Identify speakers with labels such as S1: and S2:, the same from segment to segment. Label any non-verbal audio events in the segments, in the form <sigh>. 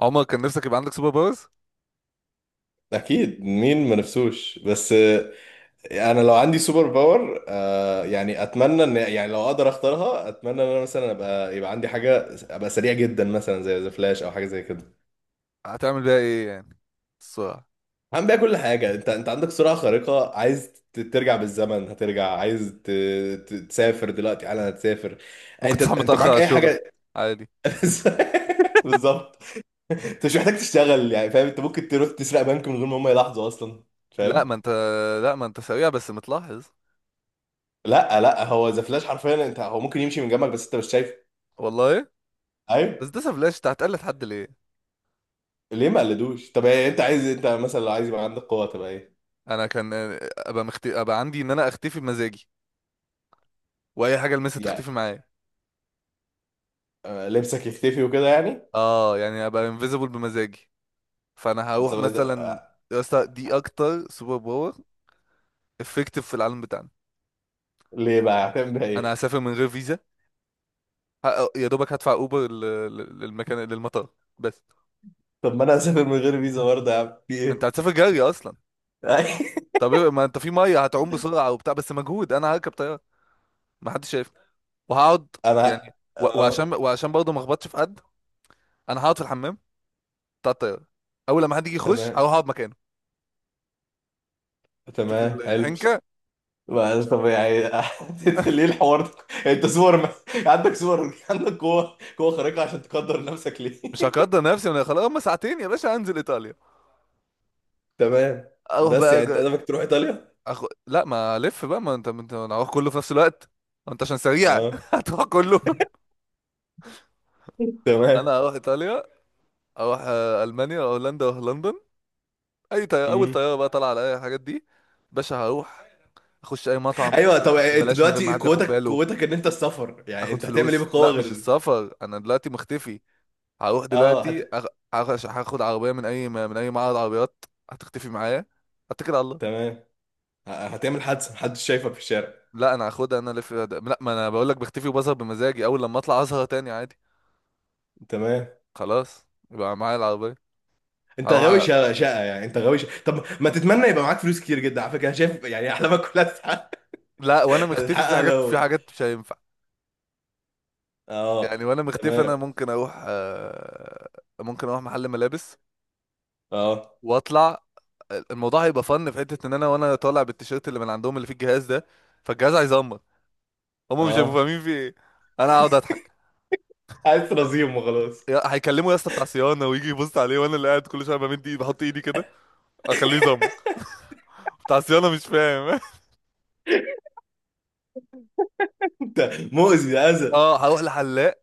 S1: عمر كان نفسك يبقى عندك سوبر باورز؟
S2: اكيد، مين ما نفسوش؟ بس انا لو عندي سوبر باور يعني، اتمنى ان يعني لو اقدر اختارها، اتمنى ان انا مثلا يبقى عندي حاجه، ابقى سريع جدا مثلا زي ذا فلاش او حاجه زي كده.
S1: هتعمل بيها ايه يعني؟ السرعة.
S2: هعمل بيها كل حاجه. انت عندك سرعه خارقه، عايز ترجع بالزمن هترجع، عايز تسافر دلوقتي حالا هتسافر.
S1: ممكن
S2: انت
S1: تصحى
S2: انت
S1: متأخر
S2: معاك
S1: على
S2: اي
S1: الشغل.
S2: حاجه؟
S1: عادي.
S2: <laughs> بالظبط. انت مش محتاج تشتغل يعني، فاهم؟ انت ممكن تروح تسرق بنك من غير ما هم يلاحظوا اصلا،
S1: لا ما
S2: فاهم؟
S1: انت، لا ما انت سريع بس متلاحظ.
S2: لا لا، هو ذا فلاش حرفيا، انت، هو ممكن يمشي من جنبك بس انت مش شايفه.
S1: والله.
S2: ايوه.
S1: بس ده سفلاش، انت هتقلد حد ليه؟
S2: ليه ما قلدوش؟ طب إيه، انت عايز، انت مثلا لو عايز يبقى عندك قوه، تبقى ايه؟
S1: انا كان ابقى عندي ان انا اختفي بمزاجي، واي حاجة المسها
S2: يعني
S1: تختفي معايا.
S2: لبسك يختفي وكده يعني.
S1: اه يعني ابقى انفيزبل بمزاجي، فانا هروح
S2: طب
S1: مثلا. يا اسطى دي اكتر سوبر باور افكتيف في العالم بتاعنا.
S2: ليه بقى هتعمل بيها
S1: انا
S2: ايه؟
S1: هسافر من غير فيزا، يا دوبك هدفع اوبر للمكان للمطار بس.
S2: طب ما انا هسافر من غير فيزا برضه يا عم، في
S1: انت
S2: ايه؟
S1: هتسافر جري اصلا.
S2: <laughs>
S1: ما انت في ميه هتعوم بسرعه وبتاع، بس مجهود. انا هركب طياره ما حدش شايفني وهقعد،
S2: انا.
S1: يعني وعشان،
S2: اه،
S1: وعشان برضه ما اخبطش في حد. انا هقعد في الحمام بتاع الطياره، اول لما حد يجي يخش
S2: تمام.
S1: هروح اقعد مكانه. شوف
S2: تمام حلو.
S1: الحنكه.
S2: بقى طب يعني. <laughs> ليه الحوار ده؟ انت سوبر مان. عندك قوه، قوه خارقه، عشان تقدر نفسك ليه؟
S1: مش هقدر نفسي، انا خلاص هم ساعتين يا باشا هنزل ايطاليا.
S2: <laughs> تمام.
S1: اروح
S2: بس
S1: بقى
S2: يعني انت هدفك تروح ايطاليا؟
S1: لا، ما الف بقى، ما انت انا هروح كله في نفس الوقت، ما انت عشان سريع. <laughs>
S2: اه.
S1: هتروح كله.
S2: <laughs>
S1: انا
S2: تمام.
S1: هروح ايطاليا، اروح المانيا، اروح هولندا، اروح لندن. اي طياره، اول
S2: مم.
S1: طياره بقى طالعه على اي الحاجات دي. باشا هروح اخش اي مطعم
S2: ايوه. طب انت
S1: ببلاش، من غير ما
S2: دلوقتي
S1: حد ياخد
S2: قوتك،
S1: باله.
S2: قوتك ان انت السفر، يعني
S1: اخد
S2: انت هتعمل ايه
S1: فلوس،
S2: بالقوه
S1: لا مش
S2: غير؟
S1: السفر، انا دلوقتي مختفي. هروح
S2: اه،
S1: دلوقتي هاخد عربيه من اي، من اي معرض عربيات هتختفي معايا، اتكل على الله.
S2: تمام. هتعمل حادثه محدش شايفك في الشارع؟
S1: لا انا هاخدها، انا الف، لا ما انا بقول لك بختفي وبظهر بمزاجي، اول لما اطلع اظهر تاني عادي.
S2: تمام.
S1: خلاص يبقى معايا العربيه.
S2: انت
S1: اروح
S2: غاوي شقه شقه، يعني انت غاوي شقة. طب ما تتمنى يبقى معاك فلوس كتير جدا، على فكره أنا شايف يعني احلامك كلها هتتحقق.
S1: لا، وانا
S2: <laughs>
S1: مختفي في
S2: هتتحقق
S1: حاجات، في
S2: لو.
S1: حاجات مش هينفع. يعني
S2: اه
S1: وانا مختفي،
S2: تمام.
S1: انا ممكن اروح ممكن اروح محل ملابس
S2: اه.
S1: واطلع. الموضوع هيبقى فن في حته، ان انا وانا طالع بالتيشيرت اللي من عندهم اللي فيه الجهاز ده، فالجهاز هيزمر، هم مش هيبقوا
S2: اه،
S1: فاهمين في ايه. انا هقعد اضحك.
S2: عايز رزيم وخلاص.
S1: هيكلموا يا اسطى بتاع صيانه، ويجي يبص عليه، وانا اللي قاعد كل شويه بمد ايدي، بحط ايدي كده اخليه يزمر، بتاع صيانه مش فاهم.
S2: انت مؤذي، ده
S1: <laughs>
S2: اذى.
S1: اه هروح لحلاق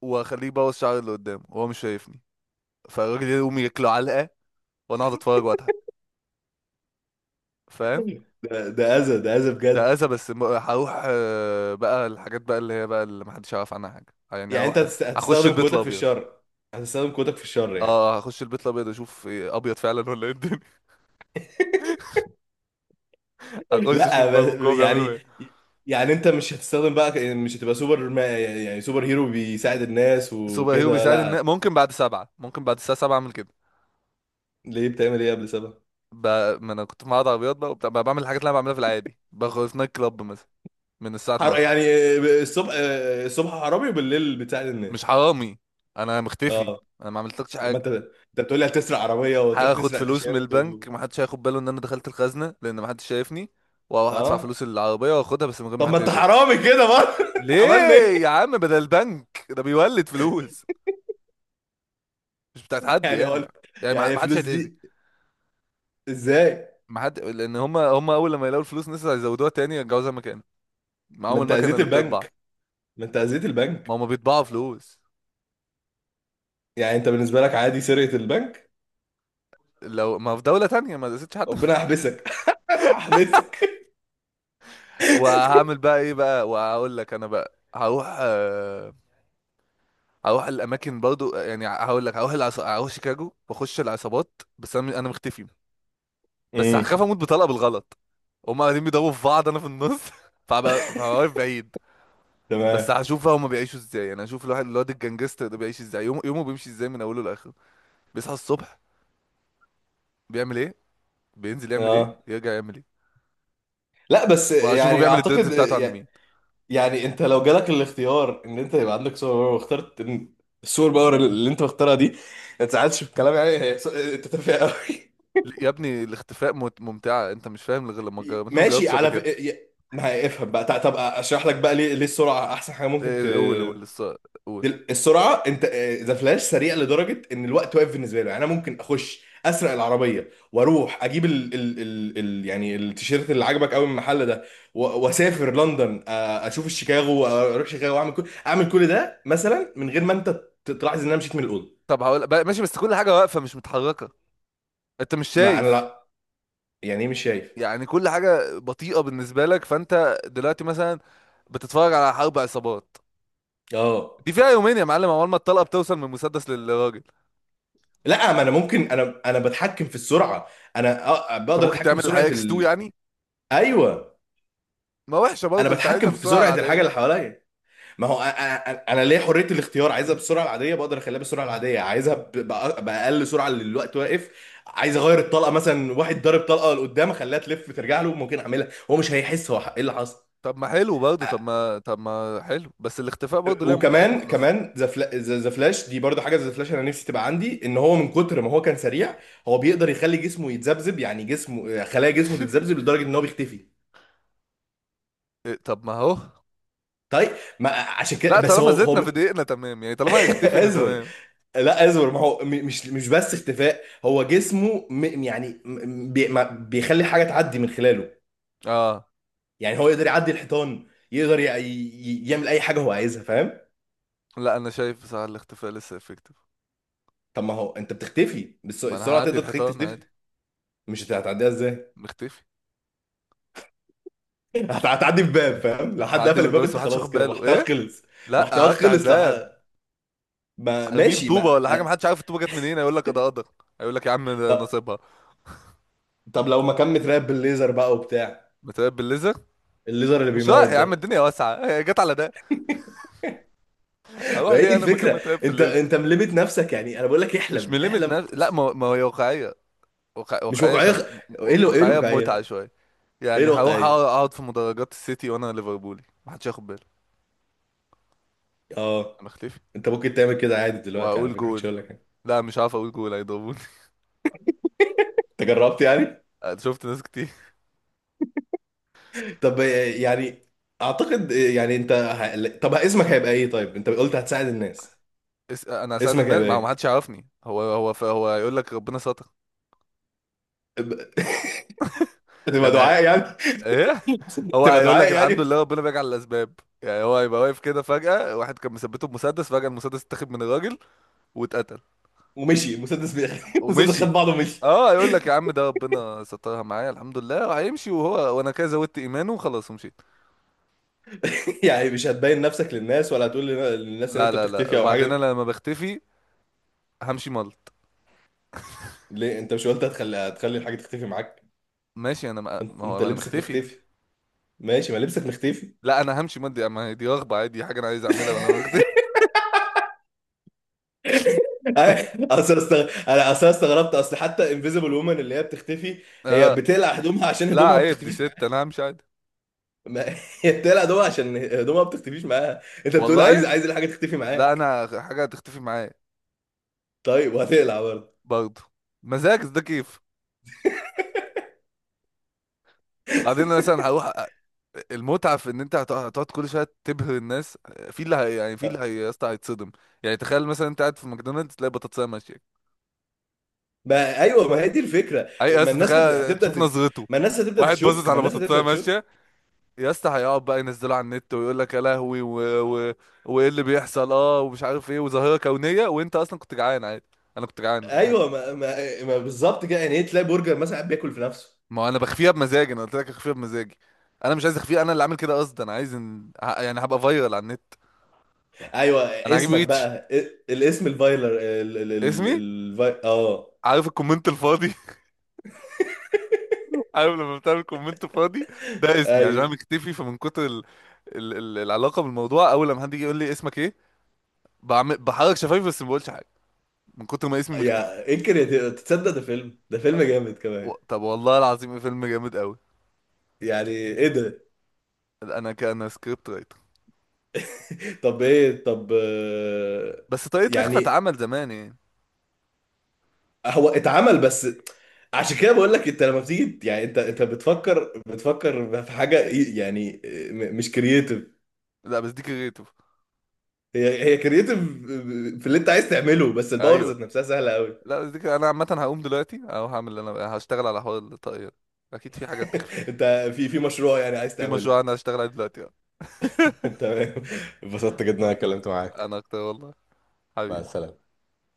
S1: واخليه يبوظ شعري اللي قدامه وهو مش شايفني، فالراجل يقوم ياكله علقه وانا اقعد اتفرج واضحك، فاهم؟
S2: ده اذى، ده اذى
S1: ده
S2: بجد.
S1: اذى بس، هروح بقى الحاجات بقى اللي هي بقى اللي محدش يعرف عنها حاجه. يعني
S2: يعني انت
S1: هروح هخش
S2: هتستخدم
S1: البيت
S2: قوتك في
S1: الابيض.
S2: الشر؟ هتستخدم قوتك في الشر يعني؟
S1: اه هخش البيت الابيض اشوف ابيض فعلا ولا ايه الدنيا. <laughs> هخش
S2: لا،
S1: اشوف بقى من جوه بيعملوا
S2: يعني
S1: ايه.
S2: يعني انت مش هتستخدم بقى، مش هتبقى سوبر ما، يعني سوبر هيرو بيساعد الناس
S1: سوبر هيرو
S2: وكده،
S1: بيساعد،
S2: لا؟
S1: ان ممكن بعد سبعة، ممكن بعد الساعة سبعة اعمل كده.
S2: ليه بتعمل ايه قبل 7؟
S1: ب... ما انا كنت في معرض عربيات بقى، وبتاع بقى بعمل الحاجات اللي انا بعملها في العادي، باخد في نايت كلاب مثلا من الساعة 12.
S2: يعني الصبح. الصبح حرامي وبالليل بتساعد الناس؟
S1: مش حرامي، انا مختفي،
S2: اه.
S1: انا ما عملتلكش
S2: طب ما
S1: حاجة.
S2: انت، بتقول لي هتسرق عربية وتروح
S1: هاخد
S2: تسرق
S1: فلوس من
S2: تيشيرت
S1: البنك، ما حدش هياخد باله ان انا دخلت الخزنة، لان ما حدش شايفني، واروح ادفع
S2: اه.
S1: فلوس العربية واخدها بس من غير ما
S2: طب ما
S1: حد
S2: انت
S1: يشوفني.
S2: حرامي كده برضه، <laughs> عملنا
S1: ليه؟ يا
S2: ايه؟
S1: عم بدل البنك ده بيولد فلوس، مش بتاعت حد
S2: يعني
S1: يعني،
S2: هقول،
S1: يعني
S2: يعني
S1: ما حدش
S2: الفلوس
S1: هيتأذي.
S2: دي ازاي؟
S1: ما حد، لان هم اول لما يلاقوا الفلوس الناس هيزودوها تاني، يرجعوها زي ما كان،
S2: ما
S1: معاهم
S2: انت
S1: المكنه
S2: اذيت
S1: اللي بتطبع.
S2: البنك، ما انت اذيت
S1: ما
S2: البنك.
S1: هم بيطبعوا فلوس.
S2: يعني انت بالنسبة لك عادي سرقة البنك؟
S1: لو ما في دوله تانية ما دستش حد.
S2: ربنا
S1: <laughs>
S2: يحبسك. <laughs> احبسك.
S1: وهعمل بقى ايه بقى، وهقول لك انا بقى هروح هروح الاماكن برضو، يعني هقول لك هروح هروح شيكاغو واخش العصابات، بس انا انا مختفي. بس
S2: امم.
S1: هخاف اموت بطلقه بالغلط، هم قاعدين بيضربوا في بعض انا في النص. <laughs> فهبقى واقف بعيد. بس
S2: تمام.
S1: هشوف بقى هما بيعيشوا ازاي، انا هشوف الواحد الواد الجنجستر ده بيعيش ازاي يوم يومه، بيمشي ازاي من اوله لاخره، بيصحى الصبح بيعمل ايه، بينزل يعمل ايه،
S2: اه.
S1: يرجع يعمل ايه،
S2: لا بس
S1: وهشوفه
S2: يعني
S1: بيعمل الدريدز
S2: اعتقد
S1: بتاعته عند مين.
S2: يعني انت لو جالك الاختيار ان انت يبقى عندك سوبر باور، واخترت إن السوبر باور اللي انت مختارها دي، ما تزعلش في الكلام يعني، هي انت تافه قوي.
S1: يا ابني الاختفاء ممتعة، انت مش فاهم غير لما تجرب،
S2: <laughs>
S1: انت ما
S2: ماشي
S1: جربتش قبل
S2: على ف...
S1: كده.
S2: ي- ما هي- افهم بقى، طب اشرح لك بقى ليه، ليه السرعه احسن حاجه ممكن
S1: ايه قول، قول.
S2: السرعه، انت. ذا فلاش سريع لدرجه ان الوقت واقف بالنسبه له، يعني انا ممكن اخش اسرق العربيه واروح اجيب يعني التيشيرت اللي عجبك قوي من المحل ده، واسافر لندن، اشوف الشيكاغو اروح شيكاغو واعمل كل اعمل كل ده مثلا، من غير ما انت تلاحظ ان انا مشيت من الاوضه.
S1: طب هقول بقى، ماشي، بس كل حاجة واقفة مش متحركة، انت مش
S2: ما انا،
S1: شايف.
S2: لا. يعني ايه مش شايف؟
S1: يعني كل حاجة بطيئة بالنسبة لك، فانت دلوقتي مثلا بتتفرج على حرب عصابات
S2: اه.
S1: دي فيها يومين يا معلم، اول ما الطلقة بتوصل من المسدس للراجل.
S2: لا، ما انا ممكن، انا بتحكم في السرعه. انا
S1: انت
S2: بقدر
S1: ممكن
S2: اتحكم في
S1: تعمل
S2: سرعه
S1: الحقيقة اكس 2
S2: ال...
S1: يعني.
S2: ايوه.
S1: ما وحشة
S2: انا
S1: برضه، انت عايزها
S2: بتحكم
S1: في
S2: في
S1: السرعة
S2: سرعه الحاجه اللي
S1: العادية.
S2: حواليا. ما هو انا انا أنا ليا حريه الاختيار، عايزها بالسرعه العاديه بقدر اخليها بالسرعه العاديه، عايزها باقل سرعه، اللي الوقت واقف. عايز اغير الطلقه مثلا، واحد ضارب طلقه لقدام اخليها تلف ترجع له، ممكن اعملها، هو مش هيحس هو ايه اللي حصل.
S1: طب ما حلو برضه، طب ما حلو، بس الاختفاء برضه ليها متعتها
S2: وكمان
S1: الخاصة.
S2: كمان، ذا فلاش دي برضه حاجه. ذا فلاش انا نفسي تبقى عندي ان هو من كتر ما هو كان سريع، هو بيقدر يخلي جسمه يتذبذب، يعني جسمه، خلايا جسمه تتذبذب
S1: <laughs>
S2: لدرجه ان هو بيختفي.
S1: طب ما هو،
S2: طيب. ما عشان كده
S1: لا
S2: بس
S1: طالما
S2: هو
S1: زدنا
S2: هو
S1: في دقيقنا تمام، يعني طالما
S2: <laughs>
S1: هيختفي ان
S2: اسف.
S1: تمام.
S2: لا اصبر، ما هو مش بس اختفاء، هو جسمه م يعني م- بي ما بيخلي حاجه تعدي من خلاله،
S1: اه.
S2: يعني هو يقدر يعدي الحيطان، يقدر يعمل اي حاجه هو عايزها، فاهم؟
S1: لا انا شايف بصراحة الاختفاء لسه افكتيف.
S2: طب ما هو انت بتختفي،
S1: ما انا
S2: السرعه
S1: هعدي
S2: تقدر تخليك
S1: الحيطان
S2: تختفي؟
S1: عادي،
S2: مش هتعديها ازاي؟
S1: مختفي.
S2: <laughs> هتعدي بباب فاهم؟ لو حد
S1: هعدي
S2: قفل
S1: من الباب
S2: الباب
S1: بس
S2: انت
S1: محدش
S2: خلاص
S1: واخد
S2: كده
S1: باله،
S2: محتواك
S1: ايه
S2: خلص.
S1: لا
S2: محتواك
S1: هفتح
S2: خلص لو
S1: الباب،
S2: حد. ما
S1: ارميه
S2: ماشي،
S1: بطوبة
S2: ما
S1: ولا حاجة،
S2: أ-
S1: محدش عارف الطوبة جت منين، هيقول لك ده قدر، هيقول لك يا عم ده
S2: طب
S1: نصيبها.
S2: طب لو ما كان متراقب بالليزر بقى وبتاع،
S1: متراقب بالليزر؟
S2: الليزر اللي
S1: مش رايح
S2: بيموت
S1: يا عم،
S2: ده؟
S1: الدنيا واسعة. <laughs> هي جت على ده، اروح
S2: ما هي دي
S1: ليه انا مكان
S2: الفكره.
S1: متراقب في
S2: انت،
S1: الليزر.
S2: انت ملمت نفسك يعني، انا بقول لك
S1: مش
S2: احلم
S1: ملمت
S2: احلم.
S1: نفسي، لا ما ما هي واقعية،
S2: مش
S1: واقعية
S2: واقعيه
S1: شوية،
S2: خ- ايه له؟ ايه
S1: واقعية بمتعة
S2: الواقعيه؟
S1: شوية.
S2: ايه
S1: يعني هروح
S2: الواقعيه؟
S1: اقعد في مدرجات السيتي وانا ليفربولي، محدش ياخد باله.
S2: اه.
S1: انا اختفي
S2: انت ممكن تعمل كده عادي دلوقتي على
S1: وهقول
S2: فكره، محدش
S1: جول.
S2: يقول لك حاجه.
S1: لا مش عارف اقول جول هيضربوني.
S2: انت جربت يعني؟
S1: <laughs> أنا شفت ناس كتير.
S2: طب. يعني. اعتقد يعني انت طب اسمك هيبقى ايه؟ طيب انت قلت هتساعد الناس،
S1: انا هساعد
S2: اسمك
S1: الناس،
S2: هيبقى
S1: ما هو
S2: ايه؟
S1: محدش يعرفني، هو هيقول لك ربنا ستر.
S2: ب- <laughs> تبقى
S1: يعني
S2: دعاء يعني؟
S1: ايه،
S2: <laughs>
S1: هو
S2: تبقى
S1: هيقول لك
S2: دعاء
S1: الحمد
S2: يعني؟
S1: لله ربنا بيجعل الاسباب. يعني هو هيبقى واقف كده فجأة، واحد كان مثبته بمسدس، فجأة المسدس اتاخد من الراجل واتقتل
S2: ومشي المسدس <laughs> المسدس خد
S1: ومشي.
S2: بعضه ومشي.
S1: اه يقول لك يا عم ده ربنا سترها معايا الحمد لله، وهيمشي، وهو وانا كده زودت ايمانه وخلاص ومشيت.
S2: <laughs> يعني مش هتبين نفسك للناس، ولا هتقول للناس ان
S1: لا
S2: انت
S1: لا لا
S2: بتختفي او
S1: وبعدين
S2: حاجه؟
S1: انا لما بختفي همشي ملط.
S2: ليه انت مش قلت هتخلي، هتخلي الحاجه تختفي معاك؟
S1: ماشي، انا ما
S2: انت
S1: ما
S2: انت
S1: هو انا
S2: لبسك
S1: مختفي.
S2: مختفي. ماشي، ما لبسك مختفي.
S1: لا انا همشي ملط، دي ما هي دي رغبه عادي، دي حاجه انا عايز اعملها وانا مختفي.
S2: <laughs> انا اصل استغربت، اصل حتى انفيزبل وومن اللي هي بتختفي،
S1: <laughs>
S2: هي
S1: اه.
S2: بتقلع هدومها عشان
S1: لا
S2: هدومها ما
S1: عيب دي
S2: بتختفيش
S1: ست،
S2: معاها.
S1: انا همشي عادي.
S2: ما... <laughs> هي بتقلع هدومها عشان هدومها ما بتختفيش معاها. انت بتقول عايز،
S1: والله،
S2: عايز الحاجه تختفي
S1: لا
S2: معاك.
S1: انا حاجه هتختفي معايا
S2: طيب وهتقلع برضه؟
S1: برضه، مزاج ده كيف. بعدين أنا مثلا هروح المتعه في ان انت هتقعد كل شويه تبهر الناس، في اللي هي يعني، في اللي
S2: أه.
S1: هي يا اسطى هيتصدم. يعني تخيل مثلا انت قاعد في ماكدونالدز تلاقي بطاطسايه ماشيه.
S2: ما ايوه، ما هي دي الفكره،
S1: اي يا
S2: ما
S1: اسطى
S2: الناس
S1: تخيل تشوف نظرته،
S2: ما الناس هتبدا
S1: واحد باصص
S2: تشك، ما
S1: على
S2: الناس
S1: بطاطسايه
S2: هتبدا تشك.
S1: ماشيه. يا اسطى هيقعد بقى ينزله على النت، ويقول لك يا لهوي وايه اللي بيحصل، اه، ومش عارف ايه، وظاهره كونيه، وانت اصلا كنت جعان عادي. انا كنت جعان مفيش حاجه.
S2: ايوه ما بالظبط كده. يعني ايه، تلاقي برجر مثلا قاعد بياكل في نفسه؟
S1: ما هو انا بخفيها بمزاجي، انا قلت لك اخفيها بمزاجي. انا مش عايز اخفيها، انا اللي عامل كده قصدا، انا عايز يعني هبقى فايرال على النت.
S2: ايوه
S1: انا هجيب
S2: اسمك
S1: ريتش.
S2: بقى الاسم الفايلر،
S1: اسمي،
S2: اه.
S1: عارف الكومنت الفاضي؟ <laughs> عارف لما بتعمل كومنت فاضي، ده اسمي، عشان انا
S2: ايوه.
S1: مختفي، فمن كتر العلاقه بالموضوع، اول لما حد يجي يقول لي اسمك ايه، بعمل بحرك شفايفي بس ما بقولش حاجه، من كتر ما اسمي مختفي.
S2: يا انكر يا تصدق، ده فيلم، ده فيلم جامد كمان؟
S1: طب والله العظيم إيه فيلم جامد قوي.
S2: يعني ايه ده؟
S1: انا كان سكريبت رايتر.
S2: طب ايه، طب
S1: بس طريقه لخفة
S2: يعني
S1: اتعمل زمان يعني.
S2: هو اتعمل بس؟ عشان كده بقول لك، انت لما بتيجي، يعني انت بتفكر، بتفكر في حاجه يعني مش كرييتيف.
S1: لا بس دي كريتيف.
S2: هي كرييتيف في اللي انت عايز تعمله، بس الباور
S1: ايوه،
S2: ذات نفسها سهله قوي. <laughs>
S1: لا بس انا عامه هقوم دلوقتي، او هعمل اللي انا بقى. هشتغل على حوار الطاقية. اكيد في حاجات تخفي.
S2: انت، في مشروع يعني عايز
S1: في مشروع
S2: تعمله؟
S1: انا هشتغل عليه دلوقتي.
S2: <laughs> تمام. انبسطت جدا إن انا
S1: <laughs>
S2: اتكلمت معاك.
S1: انا اكتر والله.
S2: مع
S1: حبيبي.
S2: السلامة.